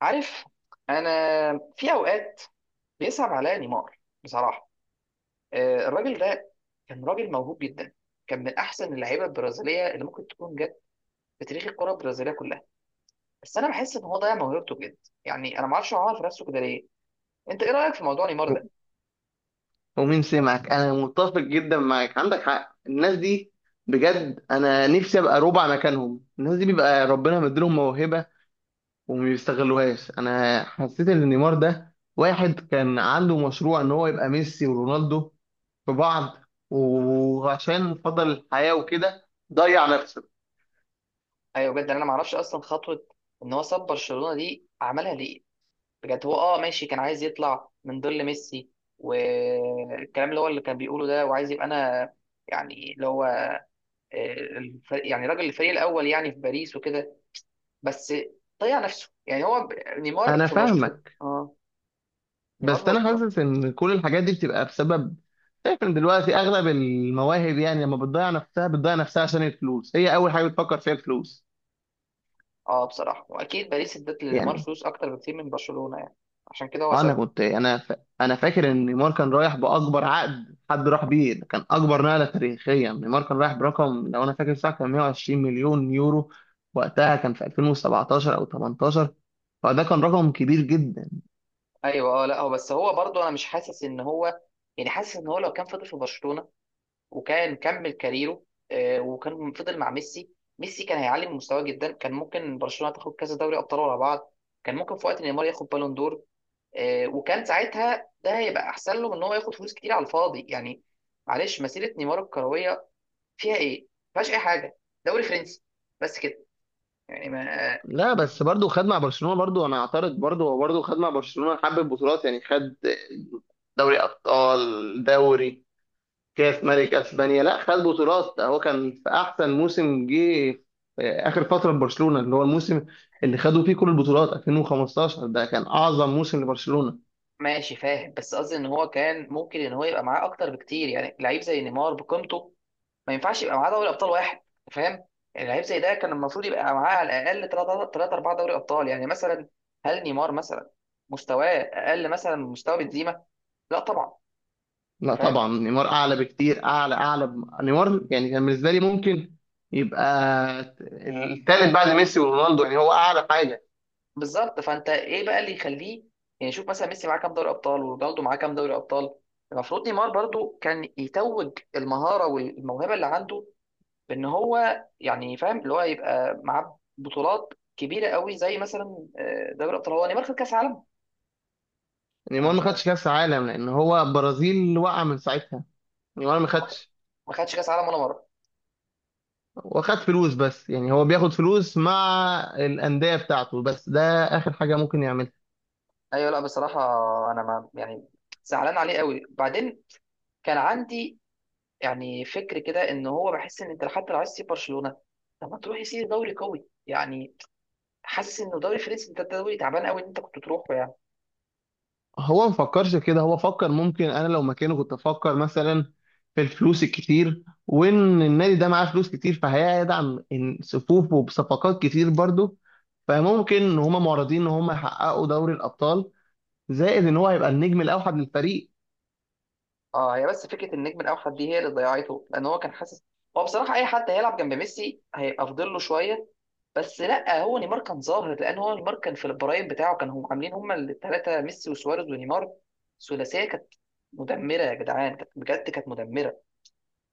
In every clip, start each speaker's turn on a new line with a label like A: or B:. A: عارف. انا في اوقات بيصعب عليا نيمار بصراحه. الراجل ده كان راجل موهوب جدا، كان من احسن اللعيبه البرازيليه اللي ممكن تكون جت في تاريخ الكره البرازيليه كلها. بس انا بحس ان هو ضيع موهبته بجد. يعني انا ما اعرفش هو عمل في نفسه كده ليه. انت ايه رايك في موضوع نيمار ده؟
B: ومين سمعك؟ انا متفق جدا معاك، عندك حق. الناس دي بجد، انا نفسي ابقى ربع مكانهم. الناس دي بيبقى ربنا مديلهم موهبه وما بيستغلوهاش. انا حسيت ان نيمار ده واحد كان عنده مشروع ان هو يبقى ميسي ورونالدو في بعض، وعشان فضل الحياه وكده ضيع نفسه.
A: ايوه بجد، انا ما اعرفش اصلا خطوه ان هو ساب برشلونه دي عملها ليه. بجد هو اه ماشي، كان عايز يطلع من ظل ميسي، والكلام اللي هو اللي كان بيقوله ده، وعايز يبقى انا، يعني اللي هو الفريق، يعني راجل الفريق الاول يعني في باريس وكده. بس ضيع نفسه. يعني نيمار
B: انا
A: في برشلونه،
B: فاهمك،
A: نيمار في
B: بس انا
A: برشلونه.
B: حاسس ان كل الحاجات دي بتبقى بسبب، شايف ان دلوقتي اغلب المواهب، يعني لما بتضيع نفسها بتضيع نفسها عشان الفلوس، هي اول حاجه بتفكر فيها الفلوس.
A: اه بصراحه، واكيد باريس ادت لنيمار
B: يعني
A: فلوس اكتر بكتير من برشلونه، يعني عشان كده هو
B: انا
A: سابها.
B: كنت انا فاكر ان نيمار كان رايح باكبر عقد حد راح بيه. ده كان اكبر نقله تاريخيا، نيمار كان رايح برقم لو انا فاكر صح كان 120 مليون يورو. وقتها كان في 2017 او 18، فده كان رقم كبير جدا.
A: ايوه اه، لا هو بس هو برضه انا مش حاسس ان هو، يعني حاسس ان هو لو كان فضل في برشلونه وكان كمل كاريره، وكان فضل مع ميسي، ميسي كان هيعلي من مستواه جدا. كان ممكن برشلونه تاخد كذا دوري ابطال ورا بعض، كان ممكن في وقت نيمار ياخد بالون دور. وكان ساعتها ده هيبقى احسن له من ان هو ياخد فلوس كتير على الفاضي يعني. معلش، مسيره نيمار الكرويه فيها ايه؟ ما فيهاش اي حاجه، دوري فرنسي بس كده. يعني ما،
B: لا، بس برضو خد مع برشلونه، برضو انا اعترض، برضو هو برضو خد مع برشلونه حبه بطولات، يعني خد دوري ابطال، دوري، كاس ملك اسبانيا. لا خد بطولات، ده هو كان في احسن موسم جه في اخر فتره لبرشلونه، اللي هو الموسم اللي خدوا فيه كل البطولات، 2015 ده كان اعظم موسم لبرشلونه.
A: ماشي فاهم، بس قصدي ان هو كان ممكن ان هو يبقى معاه اكتر بكتير. يعني لعيب زي نيمار بقيمته ما ينفعش يبقى معاه دوري ابطال واحد، فاهم؟ يعني لعيب زي ده كان المفروض يبقى معاه على الاقل 3 4 دوري ابطال يعني مثلا. هل نيمار مثلا مستواه اقل مثلا من مستوى بنزيما؟ لا طبعا.
B: لا
A: انت فاهم؟
B: طبعا، نيمار اعلى بكتير، اعلى اعلى نيمار يعني كان بالنسبه لي ممكن يبقى الثالث بعد ميسي ورونالدو، يعني هو اعلى حاجه.
A: بالظبط، فانت ايه بقى اللي يخليه؟ يعني شوف مثلا ميسي معاه كام دوري ابطال، ورونالدو معاه كام دوري ابطال. المفروض نيمار برضو كان يتوج المهاره والموهبه اللي عنده، بان هو يعني فاهم اللي هو يبقى معاه بطولات كبيره قوي، زي مثلا دوري ابطال. هو نيمار خد كاس عالم؟ انا
B: نيمار ما
A: مش عارف.
B: خدش كاس عالم لان هو برازيل وقع من ساعتها. نيمار ما خدش
A: ما خدش كاس عالم ولا مره.
B: وخد فلوس بس، يعني هو بياخد فلوس مع الانديه بتاعته بس، ده اخر حاجه ممكن يعملها.
A: ايوه لا بصراحه، انا ما يعني زعلان عليه قوي بعدين. كان عندي يعني فكر كده ان هو، بحس ان انت لحد لو عايز تسيب برشلونه، طب ما تروح يسيب دوري قوي يعني. حاسس انه دوري فرنسي ده دوري تعبان قوي ان انت كنت تروحه يعني.
B: هو ما فكرش كده، هو فكر ممكن، انا لو مكانه كنت افكر مثلا في الفلوس الكتير، وان النادي ده معاه فلوس كتير فهيدعم صفوفه بصفقات كتير برضه، فممكن ان هما معرضين ان هما يحققوا دوري الابطال، زائد ان هو هيبقى النجم الاوحد للفريق.
A: اه، هي بس فكره النجم الاوحد دي هي اللي ضيعته، لان هو كان حاسس. هو بصراحه اي حد هيلعب جنب ميسي هيبقى افضل له شويه. بس لا، هو نيمار كان ظاهر، لان هو نيمار كان في البرايم بتاعه، كانوا هم عاملين هم الثلاثه: ميسي وسواريز ونيمار. ثلاثيه كانت مدمره يا جدعان، كانت بجد كانت مدمره.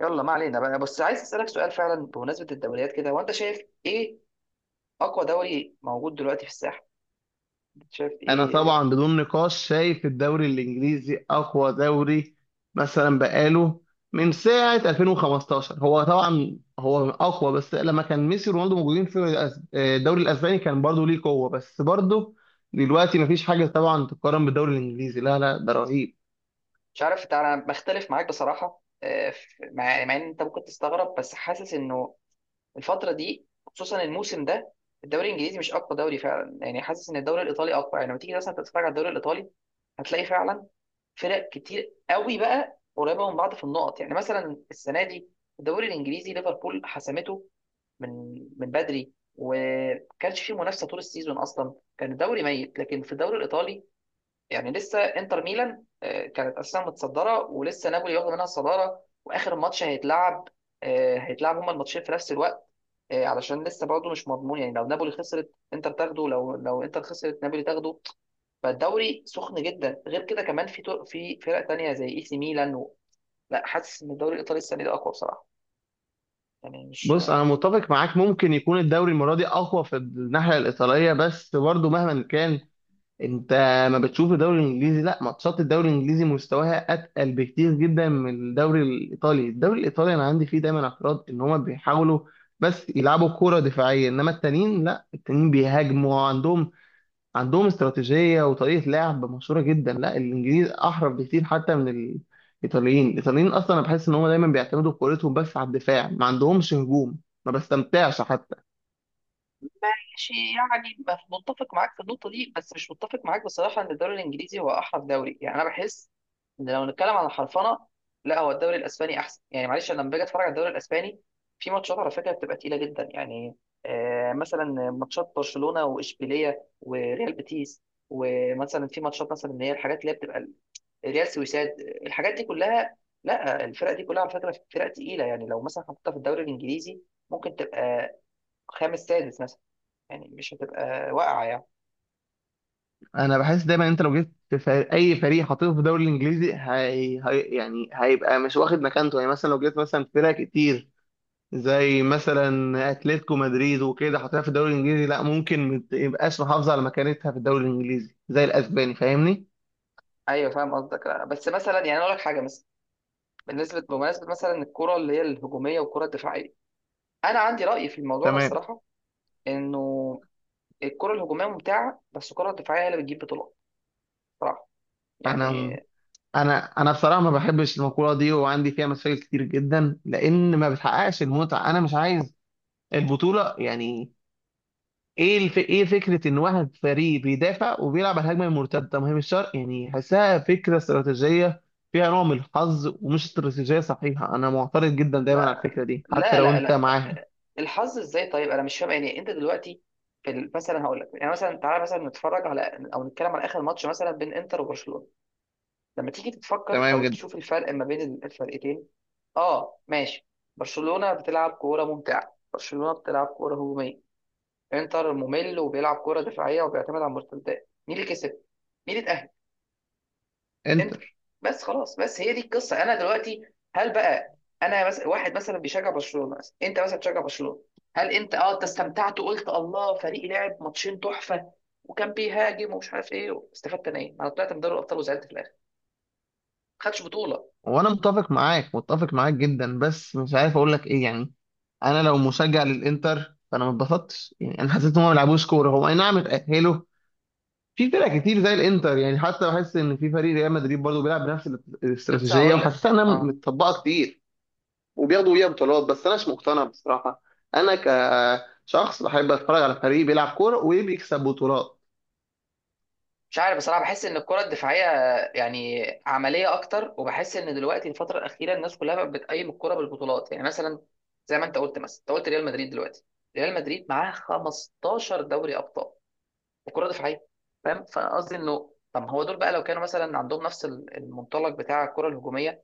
A: يلا ما علينا بقى. بس عايز اسالك سؤال فعلا بمناسبه الدوريات كده، وانت شايف ايه اقوى دوري موجود دلوقتي في الساحه؟ انت شايف
B: انا
A: ايه؟
B: طبعا بدون نقاش شايف الدوري الانجليزي اقوى دوري، مثلا بقاله من ساعه 2015 هو طبعا هو اقوى. بس لما كان ميسي ورونالدو موجودين في الدوري الاسباني كان برضه ليه قوه، بس برضه دلوقتي مفيش حاجه طبعا تقارن بالدوري الانجليزي، لا لا ده رهيب.
A: مش عارف، انا بختلف معاك بصراحه. مع ان انت ممكن تستغرب، بس حاسس انه الفتره دي خصوصا الموسم ده الدوري الانجليزي مش اقوى دوري فعلا. يعني حاسس ان الدوري الايطالي اقوى. يعني لما تيجي مثلا تتفرج على الدوري الايطالي هتلاقي فعلا فرق كتير قوي بقى قريبه من بعض في النقط. يعني مثلا السنه دي الدوري الانجليزي ليفربول حسمته من بدري، وما كانش فيه منافسه طول السيزون، اصلا كان الدوري ميت. لكن في الدوري الايطالي يعني لسه انتر ميلان كانت اساسا متصدره، ولسه نابولي واخده منها الصداره، واخر ماتش هيتلعب هيتلعب هما الماتشين في نفس الوقت، علشان لسه برضه مش مضمون. يعني لو نابولي خسرت انتر تاخده، لو انتر خسرت نابولي تاخده. فالدوري سخن جدا، غير كده كمان في فرق تانية زي اي سي ميلان لا حاسس ان الدوري الايطالي السنه دي اقوى بصراحه. يعني مش،
B: بص، انا متفق معاك، ممكن يكون الدوري المره دي اقوى في الناحيه الايطاليه، بس برضه مهما كان انت ما بتشوف الدوري الانجليزي، لا، ماتشات الدوري الانجليزي مستواها اتقل بكتير جدا من الدوري الايطالي. الدوري الايطالي انا عندي فيه دايما اعتراض ان هما بيحاولوا بس يلعبوا كرة دفاعية، انما التانيين لا، التانيين بيهاجموا وعندهم، عندهم استراتيجية وطريقة لعب مشهورة جدا. لا، الانجليز احرف بكتير حتى من الايطاليين. الايطاليين اصلا انا بحس ان هما دايما بيعتمدوا كورتهم بس على الدفاع، ما عندهمش هجوم، ما بستمتعش حتى.
A: ماشي يعني متفق معاك في النقطة دي، بس مش متفق معاك بصراحة إن الدوري الإنجليزي هو أحرف دوري. يعني أنا بحس إن لو نتكلم عن الحرفنة، لا، هو الدوري الأسباني أحسن. يعني معلش، أنا لما باجي أتفرج على الدوري الأسباني في ماتشات على فكرة بتبقى تقيلة جدا. يعني آه مثلا ماتشات برشلونة وإشبيلية وريال بيتيس، ومثلا في ماتشات مثلا اللي هي الحاجات اللي هي بتبقى ريال سويساد، الحاجات دي كلها. لا الفرق دي كلها على فكرة فرق تقيلة. يعني لو مثلا حطيتها في الدوري الإنجليزي ممكن تبقى خامس سادس مثلا، يعني مش هتبقى واقعه يعني.
B: انا بحس دايما انت لو جبت فريق، اي فريق حاطينه في الدوري الانجليزي يعني هيبقى مش واخد مكانته. يعني مثلا لو جبت مثلا فرق كتير زي مثلا اتلتيكو مدريد وكده حاطينها في الدوري الانجليزي، لا ممكن ما تبقاش محافظه على مكانتها في الدوري الانجليزي زي الاسباني. فاهمني؟
A: ايوه فاهم قصدك، لا، بس مثلا يعني أنا اقول لك حاجه مثلا، بالنسبه بمناسبه مثلا الكره اللي هي الهجوميه والكره الدفاعيه، انا عندي راي في الموضوع ده
B: تمام.
A: الصراحه، انه الكره الهجوميه ممتعه، بس الكره الدفاعيه هي اللي بتجيب بطولات، صراحه. يعني
B: انا انا بصراحه ما بحبش المقوله دي وعندي فيها مشاكل كتير جدا، لان ما بتحققش المتعه. انا مش عايز البطوله، يعني ايه الف... ايه فكره ان واحد فريق بيدافع وبيلعب على الهجمه المرتده؟ ما هي مش شرط، يعني حاسها فكره استراتيجيه فيها نوع من الحظ ومش استراتيجيه صحيحه. انا معترض جدا دايما على
A: لا،
B: الفكره دي حتى
A: لا،
B: لو
A: لا،
B: انت
A: لا،
B: معاها.
A: الحظ ازاي؟ طيب انا مش فاهم. يعني انت دلوقتي مثلا هقول لك يعني، مثلا تعالى مثلا نتفرج على او نتكلم على اخر ماتش مثلا بين انتر وبرشلونه. لما تيجي تتفكر
B: تمام
A: او
B: جدا.
A: تشوف الفرق ما بين الفرقتين، اه ماشي، برشلونة بتلعب كورة ممتعة، برشلونة بتلعب كورة هجومية، انتر ممل وبيلعب كورة دفاعية وبيعتمد على المرتدات. مين اللي كسب؟ مين اللي اتأهل؟ انتر.
B: انتر.
A: بس خلاص، بس هي دي القصة. انا دلوقتي هل بقى، انا مثلا واحد مثلا بيشجع برشلونة، مثلا انت مثلا بتشجع برشلونة، هل انت اه انت استمتعت وقلت الله، فريقي لعب ماتشين تحفة وكان بيهاجم ومش عارف ايه، استفدت انا ايه؟ انا طلعت من دوري الابطال وزعلت في الاخر، ما خدتش بطولة.
B: وانا متفق معاك، متفق معاك جدا، بس مش عارف اقول لك ايه. يعني انا لو مشجع للانتر فانا ما اتبسطتش، يعني انا حسيت ان هم ما بيلعبوش كوره. هو اي نعم اتاهلوا. في فرق كتير زي الانتر، يعني حتى بحس ان في فريق ريال مدريد برضه بيلعب بنفس
A: لسه
B: الاستراتيجيه
A: هقول لك
B: وحسيتها انها
A: اه.
B: متطبقه كتير وبياخدوا بيها بطولات، بس أناش مقتنع بصراحة. أنا كشخص بحب أتفرج على فريق بيلعب كورة وبيكسب بطولات.
A: مش عارف بصراحه، بحس ان الكره الدفاعيه يعني عمليه اكتر، وبحس ان دلوقتي الفتره الاخيره الناس كلها بقت بتقيم الكره بالبطولات. يعني مثلا زي ما انت قلت، مثلا انت قلت ريال مدريد دلوقتي ريال مدريد معاه 15 دوري ابطال وكره دفاعيه، فاهم؟ فانا قصدي انه طب ما هو دول بقى لو كانوا مثلا عندهم نفس المنطلق بتاع الكره الهجوميه،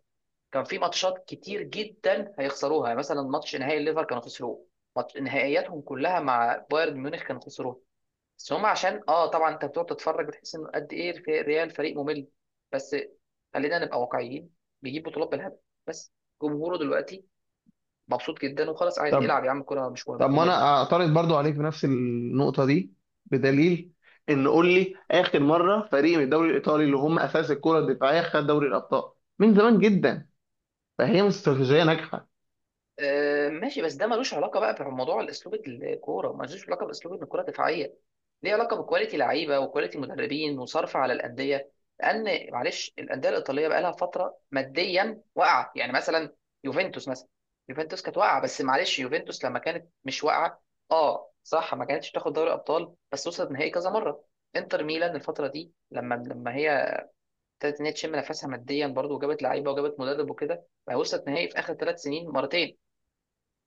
A: كان في ماتشات كتير جدا هيخسروها. يعني مثلا ماتش نهائي الليفر كانوا خسروه، ماتش نهائياتهم كلها مع بايرن ميونخ كانوا خسروها. بس هم عشان اه طبعا انت بتقعد تتفرج بتحس انه قد ايه ريال فريق ممل. بس خلينا نبقى واقعيين، بيجيب بطولات بالهبل. بس جمهوره دلوقتي مبسوط جدا، وخلاص عادي،
B: طب،
A: العب يا عم كوره مش مهم
B: طب ما
A: ممل.
B: أنا أعترض برضو عليك بنفس النقطة دي، بدليل إن قول لي آخر مرة فريق من الدوري الإيطالي اللي هم أساس الكرة الدفاعية خد دوري الأبطال؟ من زمان جدا، فهي مش استراتيجية ناجحة.
A: آه ماشي، بس ده ملوش علاقه بقى بموضوع الاسلوب، الكوره ملوش علاقه باسلوب ان الكوره دفاعيه، ليه علاقه بكواليتي لعيبه وكواليتي مدربين وصرف على الانديه. لان معلش الانديه الايطاليه بقى لها فتره ماديا واقعه. يعني مثلا يوفنتوس مثلا، يوفنتوس كانت واقعه، بس معلش يوفنتوس لما كانت مش واقعه اه صح ما كانتش تاخد دوري ابطال، بس وصلت نهائي كذا مره. انتر ميلان الفتره دي لما هي ابتدت ان هي تشم نفسها ماديا برضو وجابت لعيبه وجابت مدرب وكده، بقى وصلت نهائي في اخر ثلاث سنين مرتين،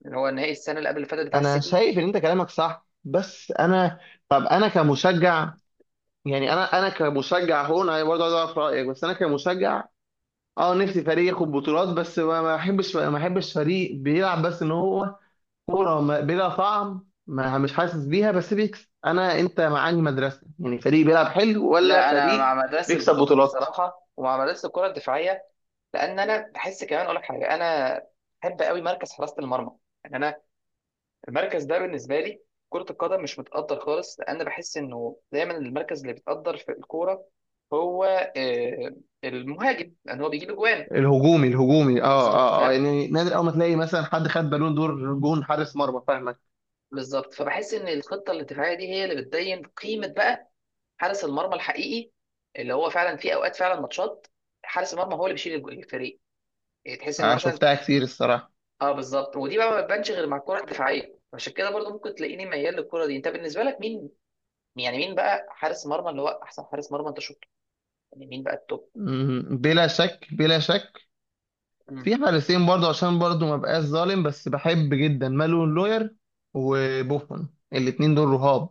A: اللي هو النهائي السنه اللي قبل اللي فاتت بتاع
B: أنا
A: السيتي.
B: شايف إن أنت كلامك صح، بس أنا طب أنا كمشجع، يعني انا انا كمشجع هون، انا برضه عايز اعرف رايك، بس انا كمشجع اه نفسي فريق ياخد بطولات، بس ما احبش فريق بيلعب بس ان هو كوره بلا طعم، ما مش حاسس بيها بس بيكسب. انا انت معاني مدرسه، يعني فريق بيلعب حلو ولا
A: لا انا مع
B: فريق
A: مدرسه
B: بيكسب
A: البطولات
B: بطولات؟
A: بصراحه، ومع مدرسه الكره الدفاعيه. لان انا بحس، كمان اقول لك حاجه، انا بحب قوي مركز حراسه المرمى. يعني انا المركز ده بالنسبه لي كره القدم مش متقدر خالص، لان بحس انه دايما المركز اللي بيتقدر في الكوره هو آه، المهاجم لان هو بيجيب اجوان.
B: الهجومي الهجومي
A: بالظبط
B: اه
A: فاهم.
B: يعني نادر اول ما تلاقي مثلا حد خد بالون دور جون حارس مرمى. فاهمك،
A: بالظبط، فبحس ان الخطه الدفاعيه دي هي اللي بتبين قيمه بقى حارس المرمى الحقيقي، اللي هو فعلا في اوقات فعلا ماتشات حارس المرمى هو اللي بيشيل الفريق. يعني تحس انه
B: انا
A: مثلا،
B: شفتها كتير الصراحه.
A: اه بالظبط. ودي بقى ما بتبانش غير مع الكره الدفاعيه، عشان كده برضو ممكن تلاقيني ميال للكره دي. انت بالنسبه لك مين، يعني مين بقى حارس مرمى اللي هو احسن حارس مرمى انت شفته؟ يعني مين بقى التوب؟
B: بلا شك بلا شك
A: مم.
B: في حارسين برضه عشان برضه ما بقاش ظالم، بس بحب جدا مالون لوير وبوفون، الاتنين دول رهاب.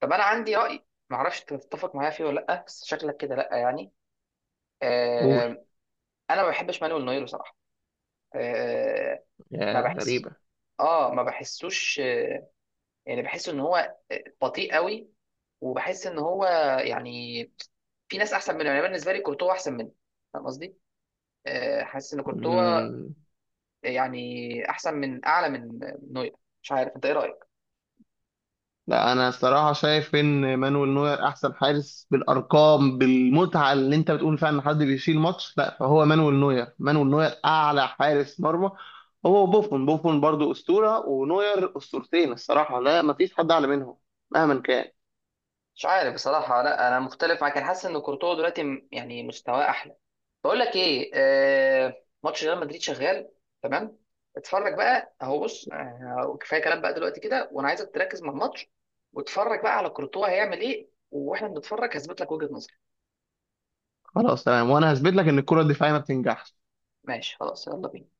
A: طب انا عندي راي ما اعرفش تتفق معايا فيه ولا لا، بس شكلك كده لا يعني. آه، انا ما بحبش مانويل نوير بصراحه. آه ما
B: يا
A: بحس
B: غريبة.
A: اه ما بحسوش آه، يعني بحس ان هو بطيء قوي، وبحس ان هو يعني في ناس احسن منه. يعني أنا بالنسبه لي كورتوا احسن منه، فاهم قصدي؟ حاسس ان كورتوا
B: مم.
A: يعني احسن من، اعلى من نوير. مش عارف انت ايه رايك.
B: لا، أنا الصراحة شايف إن مانويل نوير أحسن حارس بالأرقام، بالمتعة اللي أنت بتقول فيها إن حد بيشيل ماتش، لا فهو مانويل نوير. مانويل نوير أعلى حارس مرمى، هو بوفون. بوفون برضو أسطورة ونوير أسطورتين الصراحة، لا مفيش حد أعلى منهم مهما كان.
A: مش عارف بصراحه، لا انا مختلف معاك، انا حاسس ان كورتوا دلوقتي يعني مستواه احلى. بقول لك ايه، آه ماتش ريال مدريد شغال. تمام، اتفرج بقى اهو، بص، كفايه كلام بقى دلوقتي كده، وانا عايزك تركز مع الماتش واتفرج بقى على كورتوا هيعمل ايه. واحنا بنتفرج هثبت لك وجهه نظري.
B: خلاص تمام، وأنا هثبت لك إن الكرة الدفاعية ما بتنجحش.
A: ماشي خلاص، يلا بينا.